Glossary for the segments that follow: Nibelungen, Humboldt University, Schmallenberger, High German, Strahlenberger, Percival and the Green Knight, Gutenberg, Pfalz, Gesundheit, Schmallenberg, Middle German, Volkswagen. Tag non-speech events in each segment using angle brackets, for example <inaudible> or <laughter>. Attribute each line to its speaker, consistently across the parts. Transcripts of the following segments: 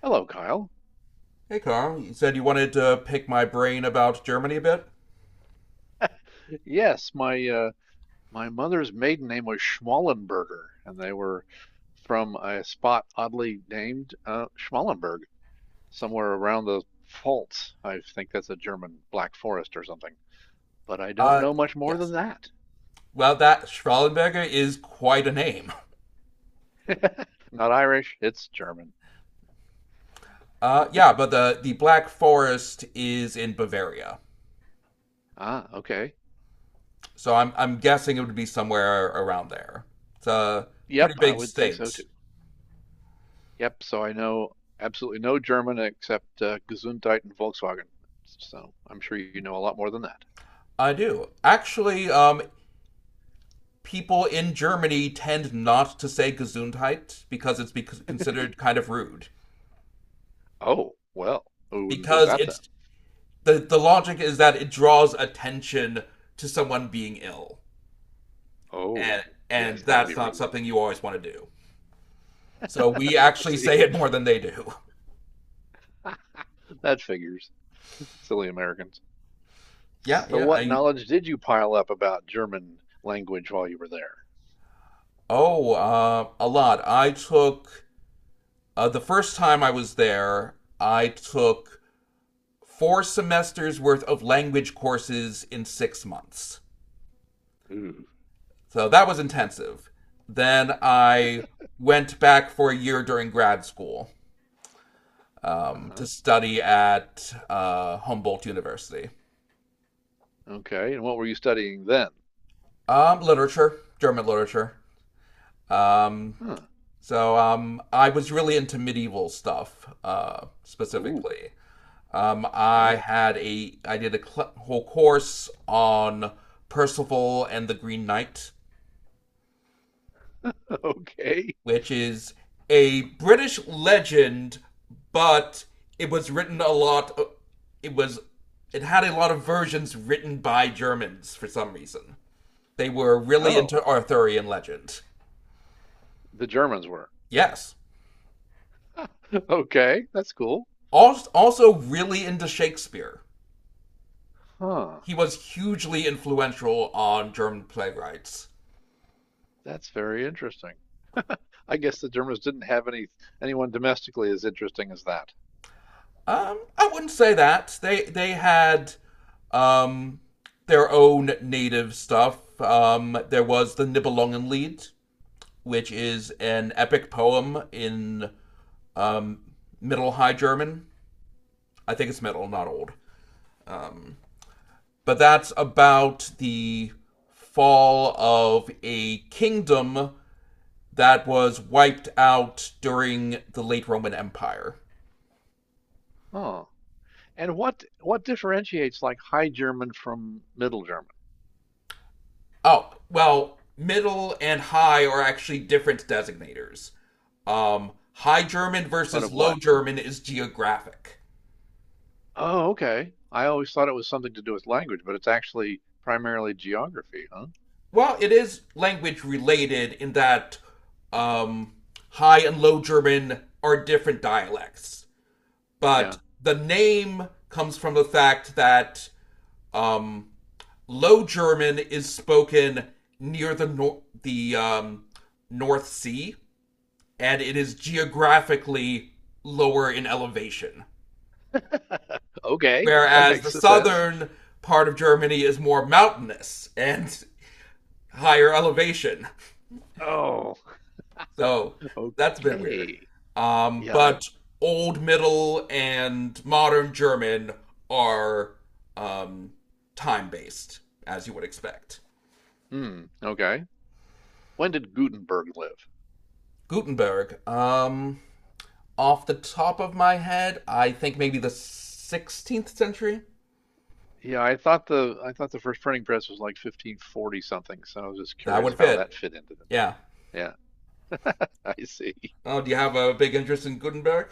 Speaker 1: Hello, Kyle.
Speaker 2: Hey, Carl. You said you wanted to pick my brain about Germany a bit?
Speaker 1: Yes, my my mother's maiden name was Schmallenberger, and they were from a spot oddly named Schmallenberg, somewhere around the Pfalz. I think that's a German Black Forest or something. But I don't
Speaker 2: Uh,
Speaker 1: know much more
Speaker 2: yes.
Speaker 1: than that.
Speaker 2: Well, that Strahlenberger is quite a name.
Speaker 1: <laughs> Not Irish, it's German.
Speaker 2: Yeah, but the Black Forest is in Bavaria.
Speaker 1: Ah, okay.
Speaker 2: So I'm guessing it would be somewhere around there. It's a pretty
Speaker 1: Yep, I
Speaker 2: big
Speaker 1: would think so
Speaker 2: state.
Speaker 1: too. Yep, so I know absolutely no German except Gesundheit and Volkswagen. So I'm sure you know a lot more than that.
Speaker 2: I do. Actually, people in Germany tend not to say Gesundheit because it's bec considered kind of rude.
Speaker 1: Oh, well, who wouldn't do
Speaker 2: Because
Speaker 1: that then?
Speaker 2: it's the logic is that it draws attention to someone being ill.
Speaker 1: Oh,
Speaker 2: and and
Speaker 1: yes, that would
Speaker 2: that's
Speaker 1: be
Speaker 2: not
Speaker 1: rude.
Speaker 2: something you always want to do. So we
Speaker 1: <laughs> I
Speaker 2: actually say
Speaker 1: see.
Speaker 2: it more than they do. <laughs>
Speaker 1: <laughs> That figures. Silly Americans.
Speaker 2: Yeah,
Speaker 1: So,
Speaker 2: yeah.
Speaker 1: what knowledge did you pile up about German language while you were there?
Speaker 2: A lot. I took the first time I was there. I took four semesters worth of language courses in 6 months.
Speaker 1: Ooh.
Speaker 2: So that was intensive. Then I went back for a year during grad school
Speaker 1: Uh-huh.
Speaker 2: to study at Humboldt University.
Speaker 1: Okay. And what were you studying then?
Speaker 2: Literature, German literature. Um,
Speaker 1: Huh.
Speaker 2: So I was really into medieval stuff,
Speaker 1: Ooh.
Speaker 2: specifically.
Speaker 1: Yeah.
Speaker 2: I did a whole course on Percival and the Green Knight,
Speaker 1: <laughs> Okay.
Speaker 2: which is a British legend, but it was written a lot. It was it had a lot of versions written by Germans for some reason. They were really into
Speaker 1: Oh,
Speaker 2: Arthurian legend.
Speaker 1: the Germans were.
Speaker 2: Yes.
Speaker 1: <laughs> Okay, that's cool.
Speaker 2: Also really into Shakespeare.
Speaker 1: Huh.
Speaker 2: He was hugely influential on German playwrights.
Speaker 1: That's very interesting. I guess the Germans didn't have anyone domestically as interesting as that.
Speaker 2: I wouldn't say that. They had um, their own native stuff. There was the Nibelungen, which is an epic poem in Middle High German. I think it's Middle, not Old. But that's about the fall of a kingdom that was wiped out during the late Roman Empire.
Speaker 1: Huh. And what differentiates like High German from Middle German?
Speaker 2: Oh, well, middle and high are actually different designators. High German
Speaker 1: But
Speaker 2: versus
Speaker 1: of
Speaker 2: Low
Speaker 1: what?
Speaker 2: German is geographic.
Speaker 1: Oh, okay. I always thought it was something to do with language, but it's actually primarily geography, huh?
Speaker 2: Well, it is language related in that um, High and Low German are different dialects, but
Speaker 1: Yeah.
Speaker 2: the name comes from the fact that um, Low German is spoken near the nor- the North Sea, and it is geographically lower in elevation.
Speaker 1: <laughs> Okay, that
Speaker 2: Whereas the
Speaker 1: makes sense.
Speaker 2: southern part of Germany is more mountainous and higher elevation.
Speaker 1: Oh,
Speaker 2: So
Speaker 1: <laughs>
Speaker 2: that's been weird.
Speaker 1: okay. Yeah, I,
Speaker 2: But Old Middle and Modern German are um, time based, as you would expect.
Speaker 1: hmm, okay. When did Gutenberg live?
Speaker 2: Gutenberg, off the top of my head, I think maybe the 16th century?
Speaker 1: Yeah, I thought the first printing press was like 1540 something, so I was just
Speaker 2: That would
Speaker 1: curious how that
Speaker 2: fit.
Speaker 1: fit into them.
Speaker 2: Yeah.
Speaker 1: Yeah, <laughs> I see.
Speaker 2: Oh, do you have a big interest in Gutenberg?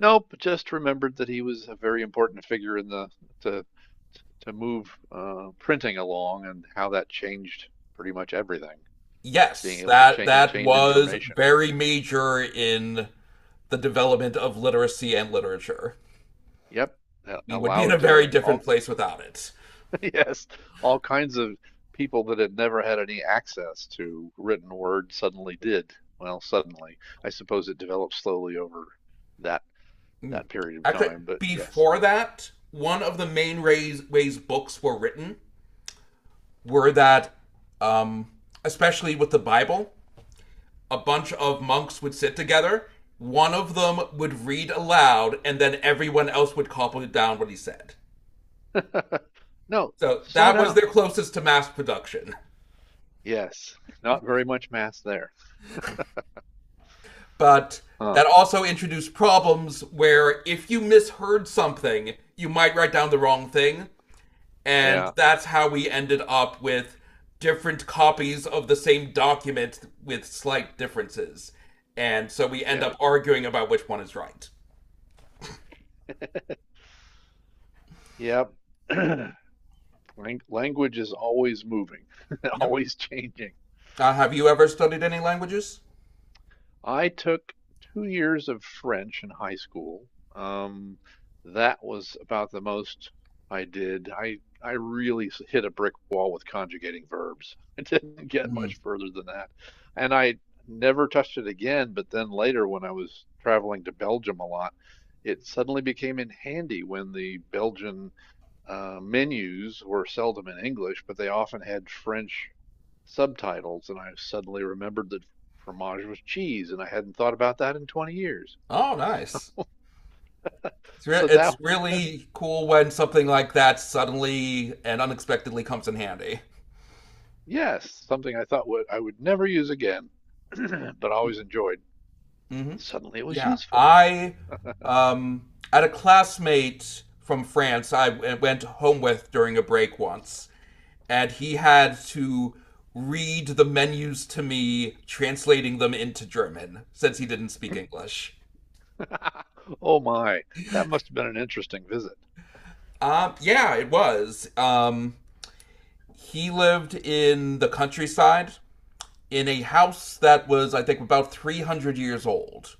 Speaker 1: Nope, just remembered that he was a very important figure in the to to move printing along and how that changed pretty much everything. Being
Speaker 2: Yes,
Speaker 1: able to
Speaker 2: that that
Speaker 1: change
Speaker 2: was
Speaker 1: information.
Speaker 2: very major in the development of literacy and literature.
Speaker 1: Yep, that
Speaker 2: We would be in a
Speaker 1: allowed
Speaker 2: very different
Speaker 1: all
Speaker 2: place without it.
Speaker 1: <laughs> yes, all kinds of people that had never had any access to written word suddenly did. Well, suddenly, I suppose it developed slowly over that that period of
Speaker 2: Actually,
Speaker 1: time, but yes.
Speaker 2: before that, one of the main ways books were written were that, um, especially with the Bible, a bunch of monks would sit together. One of them would read aloud, and then everyone else would copy down what he said.
Speaker 1: <laughs> No,
Speaker 2: So
Speaker 1: slow
Speaker 2: that was
Speaker 1: down.
Speaker 2: their closest to mass production.
Speaker 1: Yes, not very much mass there.
Speaker 2: But
Speaker 1: Huh.
Speaker 2: that also introduced problems where if you misheard something, you might write down the wrong thing. And
Speaker 1: Yeah,
Speaker 2: that's how we ended up with different copies of the same document with slight differences. And so we end
Speaker 1: yeah,
Speaker 2: up arguing about which one is right.
Speaker 1: yep. <clears throat> Lang- Language is always moving, <laughs>
Speaker 2: Yep.
Speaker 1: always changing.
Speaker 2: Have you ever studied any languages?
Speaker 1: I took 2 years of French in high school. Um, that was about the most I did. I really hit a brick wall with conjugating verbs. <laughs> I didn't get
Speaker 2: Mhm.
Speaker 1: much further than that, and I never touched it again. But then later, when I was traveling to Belgium a lot, it suddenly became in handy when the Belgian menus were seldom in English, but they often had French subtitles. And I suddenly remembered that fromage was cheese, and I hadn't thought about that in 20 years.
Speaker 2: Oh, nice.
Speaker 1: <laughs>
Speaker 2: It's, re-
Speaker 1: So that,
Speaker 2: it's really cool when something like that suddenly and unexpectedly comes in handy.
Speaker 1: yes, something I thought would I would never use again, <clears throat> but always enjoyed.
Speaker 2: Mm-hmm.
Speaker 1: Suddenly it was
Speaker 2: Yeah,
Speaker 1: useful.
Speaker 2: I had a classmate from France I went home with during a break once, and he had to read the menus to me, translating them into German since he didn't speak English.
Speaker 1: <laughs> Oh my, that must have been an interesting visit.
Speaker 2: Yeah, it was. He lived in the countryside in a house that was, I think, about 300 years old.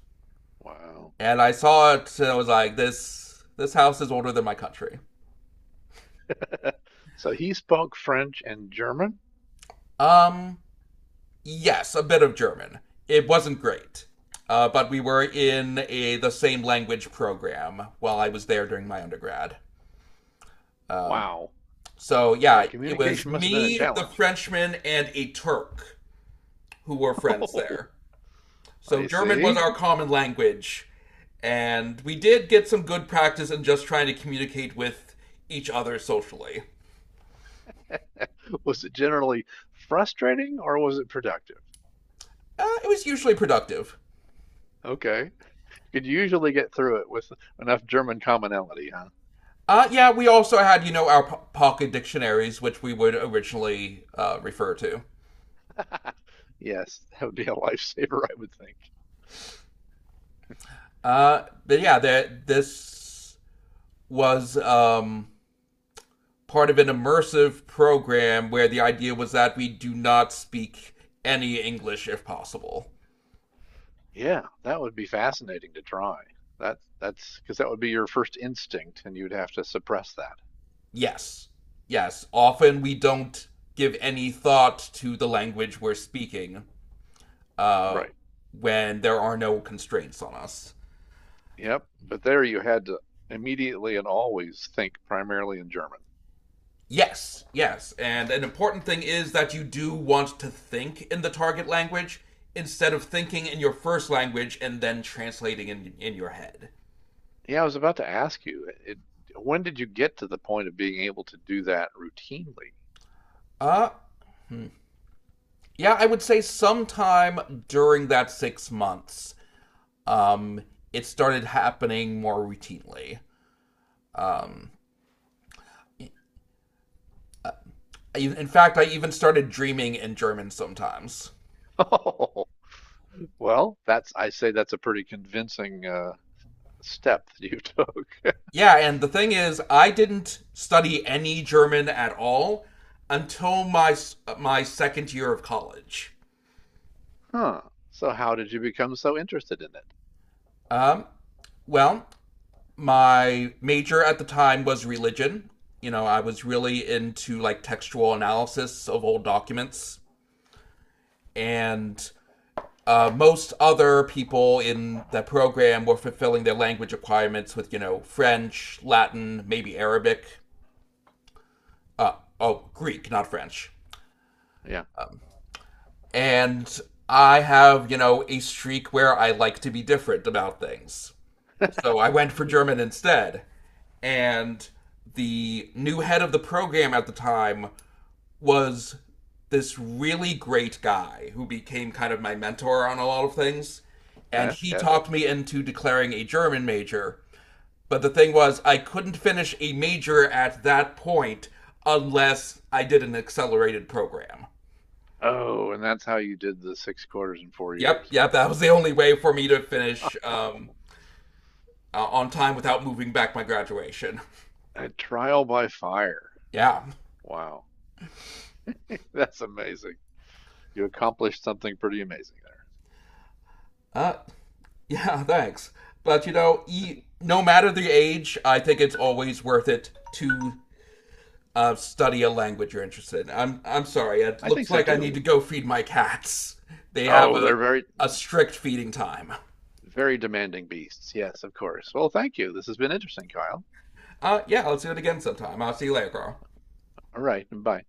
Speaker 1: Wow.
Speaker 2: And I saw it and I was like, this house is older than my country.
Speaker 1: <laughs> So he spoke French and German?
Speaker 2: Um, Yes, a bit of German. It wasn't great. But we were in the same language program while I was there during my undergrad. Um,
Speaker 1: Wow.
Speaker 2: so,
Speaker 1: Yeah,
Speaker 2: yeah, it was
Speaker 1: communication must have been a
Speaker 2: me, the
Speaker 1: challenge.
Speaker 2: Frenchman, and a Turk who were friends there.
Speaker 1: <laughs>
Speaker 2: So,
Speaker 1: I
Speaker 2: German was
Speaker 1: see.
Speaker 2: our common language. And we did get some good practice in just trying to communicate with each other socially.
Speaker 1: <laughs> Was it generally frustrating or was it productive?
Speaker 2: It was usually productive.
Speaker 1: Okay. You could usually get through it with enough German commonality, huh?
Speaker 2: Yeah, we also had, you know, our pocket dictionaries, which we would originally refer to.
Speaker 1: <laughs> Yes, that would be a <laughs> lifesaver, I would think.
Speaker 2: But yeah, that this was part of an immersive program where the idea was that we do not speak any English if possible.
Speaker 1: Yeah, that would be fascinating to try. That's because that would be your first instinct and you'd have to suppress that.
Speaker 2: Yes, yes. Often we don't give any thought to the language we're speaking uh,
Speaker 1: Right.
Speaker 2: when there are no constraints on us.
Speaker 1: Yep. But there you had to immediately and always think primarily in German.
Speaker 2: Yes, yes. And an important thing is that you do want to think in the target language instead of thinking in your first language and then translating in your head.
Speaker 1: Yeah, I was about to ask you, when did you get to the point of being able to do that routinely?
Speaker 2: Uh, yeah, I would say sometime during that 6 months, um, it started happening more routinely. In fact, I even started dreaming in German sometimes.
Speaker 1: <laughs> Well, that's I say that's a pretty convincing step that you took. <laughs>
Speaker 2: Yeah, and the thing is, I didn't study any German at all until my second year of college.
Speaker 1: Huh. So how did you become so interested in it?
Speaker 2: Um, Well, my major at the time was religion. You know, I was really into like textual analysis of old documents, and most other people in the program were fulfilling their language requirements with, you know, French, Latin, maybe Arabic. Oh, Greek, not French.
Speaker 1: Yeah.
Speaker 2: And I have, you know, a streak where I like to be different about things. So I
Speaker 1: <laughs>
Speaker 2: went for German instead. And the new head of the program at the time was this really great guy who became kind of my mentor on a lot of things. And
Speaker 1: Yes,
Speaker 2: he
Speaker 1: yes.
Speaker 2: talked me into declaring a German major. But the thing was, I couldn't finish a major at that point unless I did an accelerated program.
Speaker 1: Oh, and that's how you did the six quarters in four
Speaker 2: Yep,
Speaker 1: years.
Speaker 2: yep, that was the only way for me to finish
Speaker 1: <laughs> Oh,
Speaker 2: on time without moving back my graduation.
Speaker 1: a trial by fire.
Speaker 2: <laughs> Yeah.
Speaker 1: Wow. <laughs> That's amazing. You accomplished something pretty amazing there.
Speaker 2: Uh, Yeah, <laughs> thanks. But you know, no matter the age, I think it's always worth it to study a language you're interested in. I'm sorry. It
Speaker 1: I
Speaker 2: looks
Speaker 1: think so
Speaker 2: like I
Speaker 1: too.
Speaker 2: need to go feed my cats. They have
Speaker 1: Oh,
Speaker 2: a
Speaker 1: they're very,
Speaker 2: a strict feeding time.
Speaker 1: very demanding beasts. Yes, of course. Well, thank you. This has been interesting, Kyle.
Speaker 2: Yeah, let's do it again sometime. I'll see you later, Carl.
Speaker 1: All right, bye.